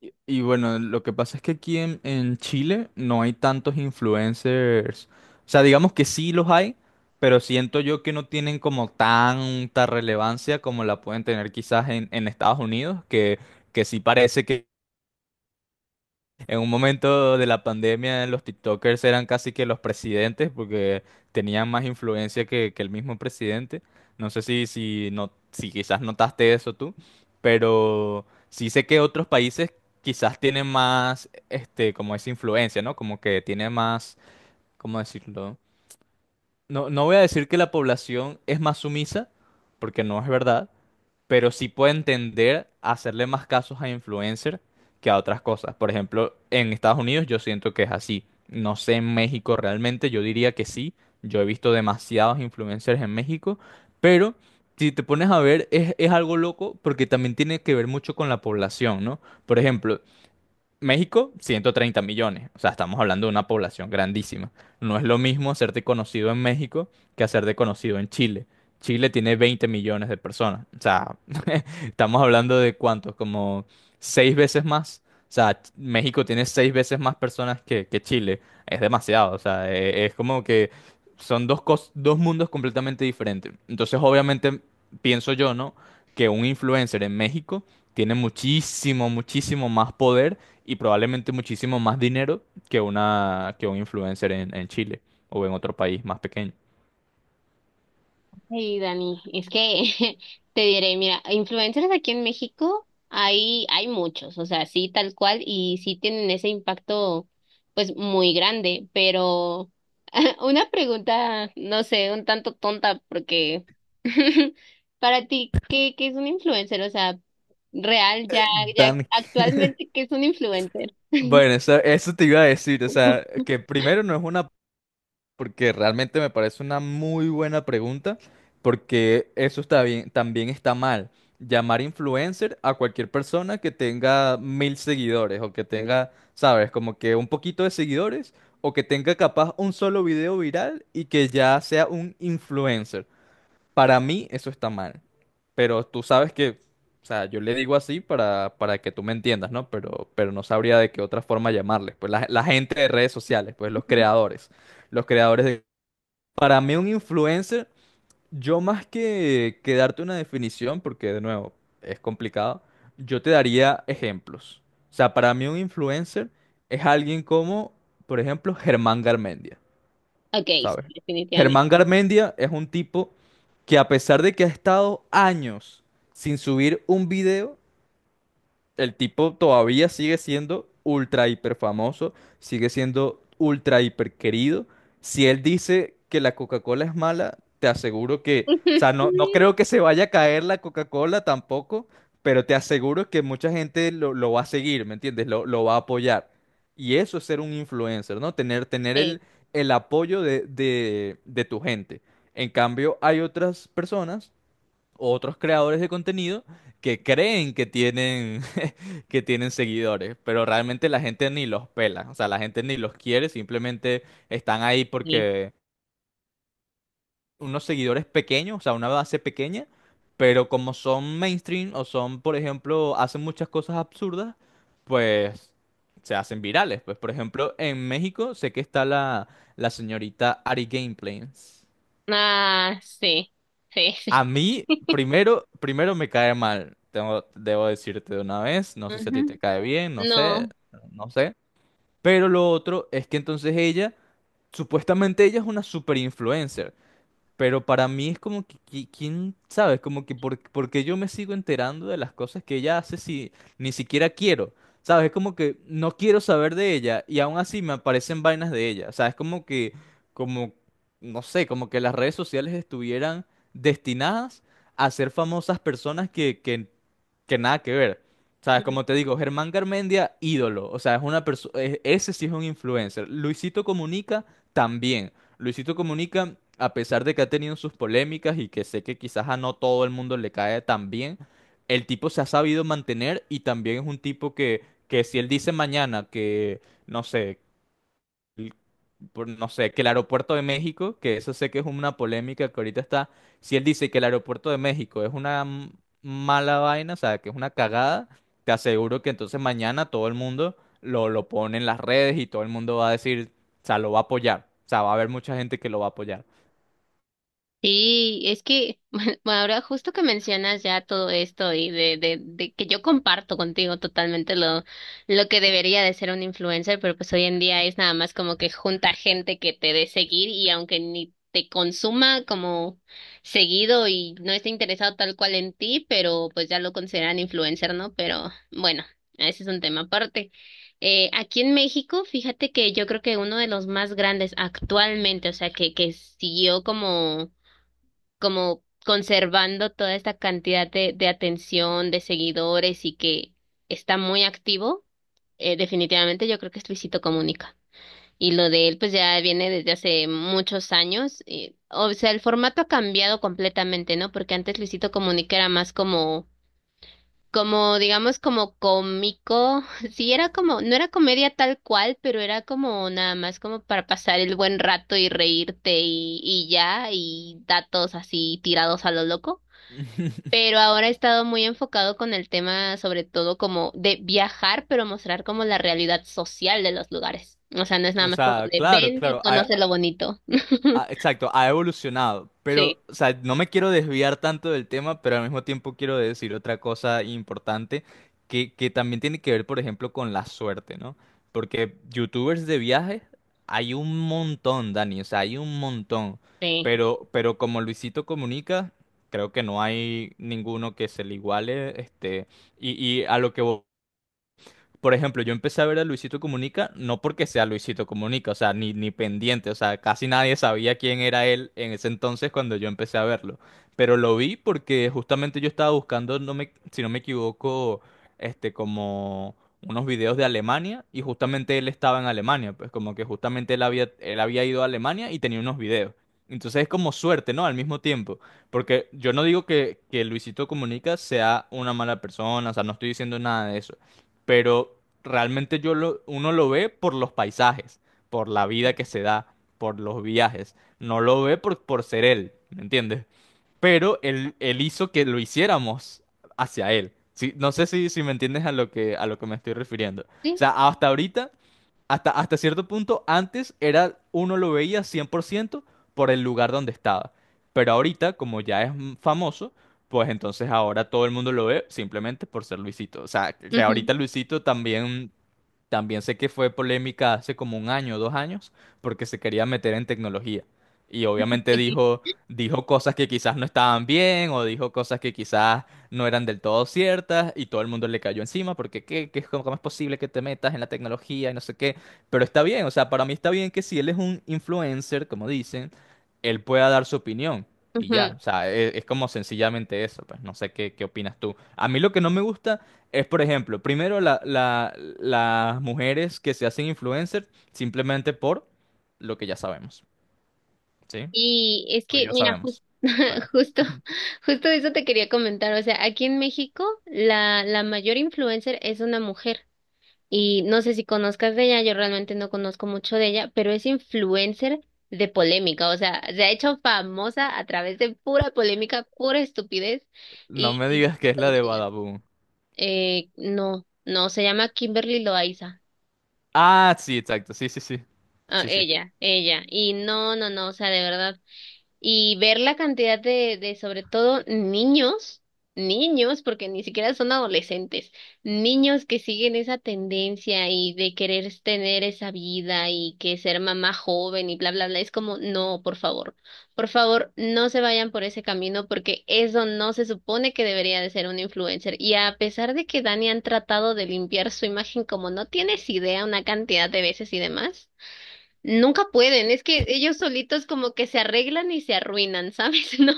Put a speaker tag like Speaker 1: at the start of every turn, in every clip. Speaker 1: Y bueno, lo que pasa es que aquí en Chile no hay tantos influencers. O sea, digamos que sí los hay, pero siento yo que no tienen como tanta relevancia como la pueden tener quizás en Estados Unidos, que sí parece que. En un momento de la pandemia, los TikTokers eran casi que los presidentes porque tenían más influencia que el mismo presidente. No sé si, no, si quizás notaste eso tú, pero sí sé que otros países quizás tienen más, como esa influencia, ¿no? Como que tiene más, ¿cómo decirlo? No, no voy a decir que la población es más sumisa, porque no es verdad, pero sí pueden tender a hacerle más casos a influencer que a otras cosas. Por ejemplo, en Estados Unidos yo siento que es así. No sé en México realmente, yo diría que sí. Yo he visto demasiados influencers en México, pero si te pones a ver es algo loco porque también tiene que ver mucho con la población, ¿no? Por ejemplo, México, 130 millones. O sea, estamos hablando de una población grandísima. No es lo mismo hacerte conocido en México que hacerte conocido en Chile. Chile tiene 20 millones de personas. O sea, estamos hablando de cuántos, como seis veces más. O sea, México tiene seis veces más personas que Chile. Es demasiado. O sea, es, como que son dos mundos completamente diferentes. Entonces, obviamente, pienso yo, ¿no? Que un influencer en México tiene muchísimo, muchísimo más poder y probablemente muchísimo más dinero que una que un influencer en Chile o en otro país más pequeño.
Speaker 2: Sí, Dani, es que te diré, mira, influencers aquí en México hay muchos, o sea, sí, tal cual, y sí tienen ese impacto, pues, muy grande, pero una pregunta, no sé, un tanto tonta, porque para ti, ¿qué es un influencer? O sea, real, ya, ya
Speaker 1: Dan,
Speaker 2: actualmente, ¿qué es un influencer?
Speaker 1: bueno, eso te iba a decir, o sea, que primero no es una, porque realmente me parece una muy buena pregunta, porque eso está bien, también está mal. Llamar influencer a cualquier persona que tenga 1.000 seguidores o que tenga, sabes, como que un poquito de seguidores o que tenga capaz un solo video viral y que ya sea un influencer. Para mí eso está mal, pero tú sabes que, o sea, yo le digo así para que tú me entiendas, ¿no? Pero no sabría de qué otra forma llamarles, pues la gente de redes sociales, pues los creadores, los creadores. Para mí un influencer, yo más que darte una definición, porque de nuevo es complicado, yo te daría ejemplos. O sea, para mí un influencer es alguien como, por ejemplo, Germán Garmendia.
Speaker 2: Okay, sí,
Speaker 1: ¿Sabes? Germán
Speaker 2: definitivamente.
Speaker 1: Garmendia es un tipo que a pesar de que ha estado años sin subir un video, el tipo todavía sigue siendo ultra hiper famoso, sigue siendo ultra hiper querido. Si él dice que la Coca-Cola es mala, te aseguro que, o sea, no, no creo que se vaya a caer la Coca-Cola tampoco, pero te aseguro que mucha gente lo va a seguir, ¿me entiendes? Lo va a apoyar. Y eso es ser un influencer, ¿no? Tener
Speaker 2: Sí,
Speaker 1: el apoyo de tu gente. En cambio, hay otras personas, otros creadores de contenido que creen que tienen, que tienen seguidores, pero realmente la gente ni los pela, o sea, la gente ni los quiere, simplemente están ahí
Speaker 2: sí.
Speaker 1: porque unos seguidores pequeños, o sea, una base pequeña, pero como son mainstream o son, por ejemplo, hacen muchas cosas absurdas, pues se hacen virales. Pues, por ejemplo, en México sé que está la señorita Ari Gameplays.
Speaker 2: Ah, sí, sí, sí.
Speaker 1: A mí, primero me cae mal. Debo decirte de una vez. No sé si a ti
Speaker 2: Ujú.
Speaker 1: te cae bien, no sé,
Speaker 2: No,
Speaker 1: no sé. Pero lo otro es que entonces supuestamente ella es una super influencer. Pero para mí es como que, ¿quién sabe? Es como que porque yo me sigo enterando de las cosas que ella hace si ni siquiera quiero. ¿Sabes? Es como que no quiero saber de ella y aún así me aparecen vainas de ella. O sea, es como que, como, no sé, como que las redes sociales estuvieran destinadas a ser famosas personas que nada que ver. ¿Sabes?
Speaker 2: mm,
Speaker 1: Como te digo, Germán Garmendia, ídolo. O sea, es una persona, ese sí es un influencer. Luisito Comunica también. Luisito Comunica, a pesar de que ha tenido sus polémicas y que sé que quizás a no todo el mundo le cae tan bien, el tipo se ha sabido mantener y también es un tipo que si él dice mañana que, no sé, no sé, que el aeropuerto de México, que eso sé que es una polémica que ahorita está, si él dice que el aeropuerto de México es una mala vaina, o sea, que es una cagada, te aseguro que entonces mañana todo el mundo lo pone en las redes y todo el mundo va a decir, o sea, lo va a apoyar, o sea, va a haber mucha gente que lo va a apoyar.
Speaker 2: Sí, es que ahora justo que mencionas ya todo esto y de que yo comparto contigo totalmente lo que debería de ser un influencer, pero pues hoy en día es nada más como que junta gente que te dé seguir y aunque ni te consuma como seguido y no esté interesado tal cual en ti, pero pues ya lo consideran influencer, ¿no? Pero bueno, ese es un tema aparte. Aquí en México, fíjate que yo creo que uno de los más grandes actualmente, o sea, que siguió como como conservando toda esta cantidad de atención, de seguidores y que está muy activo, definitivamente yo creo que es Luisito Comunica. Y lo de él pues ya viene desde hace muchos años. Y- o sea, el formato ha cambiado completamente, ¿no? Porque antes Luisito Comunica era más como, como digamos, como cómico. Sí, era como, no era comedia tal cual, pero era como nada más como para pasar el buen rato y reírte y ya, y datos así tirados a lo loco. Pero ahora he estado muy enfocado con el tema, sobre todo como de viajar, pero mostrar como la realidad social de los lugares. O sea, no es nada
Speaker 1: O
Speaker 2: más como
Speaker 1: sea,
Speaker 2: de
Speaker 1: claro,
Speaker 2: ven y
Speaker 1: claro,
Speaker 2: conoce lo bonito.
Speaker 1: exacto, ha evolucionado,
Speaker 2: Sí,
Speaker 1: pero, o sea, no me quiero desviar tanto del tema, pero al mismo tiempo quiero decir otra cosa importante que también tiene que ver, por ejemplo, con la suerte, ¿no? Porque youtubers de viajes hay un montón, Dani, o sea, hay un montón,
Speaker 2: sí,
Speaker 1: pero como Luisito Comunica, creo que no hay ninguno que se le iguale, este, y, y a lo que por ejemplo, yo empecé a ver a Luisito Comunica no porque sea Luisito Comunica, o sea, ni pendiente, o sea, casi nadie sabía quién era él en ese entonces cuando yo empecé a verlo. Pero lo vi porque justamente yo estaba buscando, si no me equivoco, como unos videos de Alemania y justamente él estaba en Alemania, pues como que justamente él había ido a Alemania y tenía unos videos. Entonces es como suerte, ¿no? Al mismo tiempo. Porque yo no digo que Luisito Comunica sea una mala persona, o sea, no estoy diciendo nada de eso pero realmente uno lo ve por los paisajes, por la vida
Speaker 2: sí.
Speaker 1: que se da, por los viajes, no lo ve por ser él, ¿me entiendes? Pero él hizo que lo hiciéramos hacia él. Sí, no sé si me entiendes a lo que me estoy refiriendo. O
Speaker 2: Sí,
Speaker 1: sea, hasta ahorita hasta cierto punto, antes uno lo veía 100% por el lugar donde estaba. Pero ahorita, como ya es famoso, pues entonces ahora todo el mundo lo ve simplemente por ser Luisito. O sea, que
Speaker 2: ujú,
Speaker 1: ahorita Luisito también sé que fue polémica hace como un año dos años porque se quería meter en tecnología. Y obviamente
Speaker 2: sí,
Speaker 1: dijo cosas que quizás no estaban bien o dijo cosas que quizás no eran del todo ciertas y todo el mundo le cayó encima porque ¿qué, cómo es posible que te metas en la tecnología y no sé qué? Pero está bien, o sea, para mí está bien que si él es un influencer, como dicen, él pueda dar su opinión. Y ya,
Speaker 2: ujú.
Speaker 1: o sea, es, como sencillamente eso, pues no sé qué opinas tú. A mí lo que no me gusta es, por ejemplo, primero las mujeres que se hacen influencer simplemente por lo que ya sabemos, ¿sí?
Speaker 2: Y es
Speaker 1: Lo que
Speaker 2: que,
Speaker 1: ya
Speaker 2: mira,
Speaker 1: sabemos. O sea,
Speaker 2: justo, justo de eso te quería comentar. O sea, aquí en México, la mayor influencer es una mujer. Y no sé si conozcas de ella, yo realmente no conozco mucho de ella, pero es influencer de polémica, o sea, se ha hecho famosa a través de pura polémica, pura estupidez
Speaker 1: no me
Speaker 2: y
Speaker 1: digas que es la de
Speaker 2: tonterías.
Speaker 1: Badaboom.
Speaker 2: No, no, se llama Kimberly Loaiza,
Speaker 1: Ah, sí, exacto, sí, sí, sí,
Speaker 2: ah,
Speaker 1: sí, sí.
Speaker 2: ella, y no, no, no, o sea, de verdad. Y ver la cantidad de sobre todo niños, niños, porque ni siquiera son adolescentes, niños que siguen esa tendencia y de querer tener esa vida y que ser mamá joven y bla, bla, bla, es como, no, por favor, no se vayan por ese camino porque eso no se supone que debería de ser un influencer. Y a pesar de que Dani han tratado de limpiar su imagen como no tienes idea una cantidad de veces y demás. Nunca pueden, es que ellos solitos como que se arreglan y se arruinan, ¿sabes? No,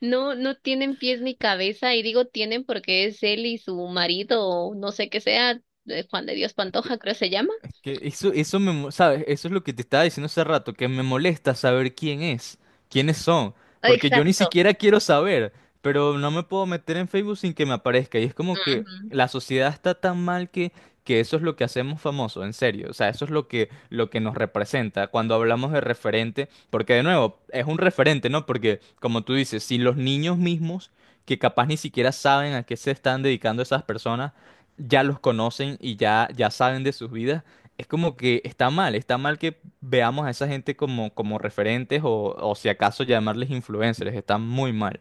Speaker 2: no, no tienen pies ni cabeza, y digo tienen porque es él y su marido, o no sé qué sea, Juan de Dios Pantoja, creo se llama.
Speaker 1: Que eso ¿sabes? Eso es lo que te estaba diciendo hace rato, que me molesta saber quién es, quiénes son, porque yo ni
Speaker 2: Exacto.
Speaker 1: siquiera quiero saber, pero no me puedo meter en Facebook sin que me aparezca. Y es como que la sociedad está tan mal que eso es lo que hacemos famoso, en serio. O sea, eso es lo que nos representa cuando hablamos de referente, porque de nuevo, es un referente, ¿no? Porque, como tú dices, si los niños mismos, que capaz ni siquiera saben a qué se están dedicando esas personas, ya los conocen y ya saben de sus vidas es como que está mal que veamos a esa gente como referentes o si acaso llamarles influencers, está muy mal.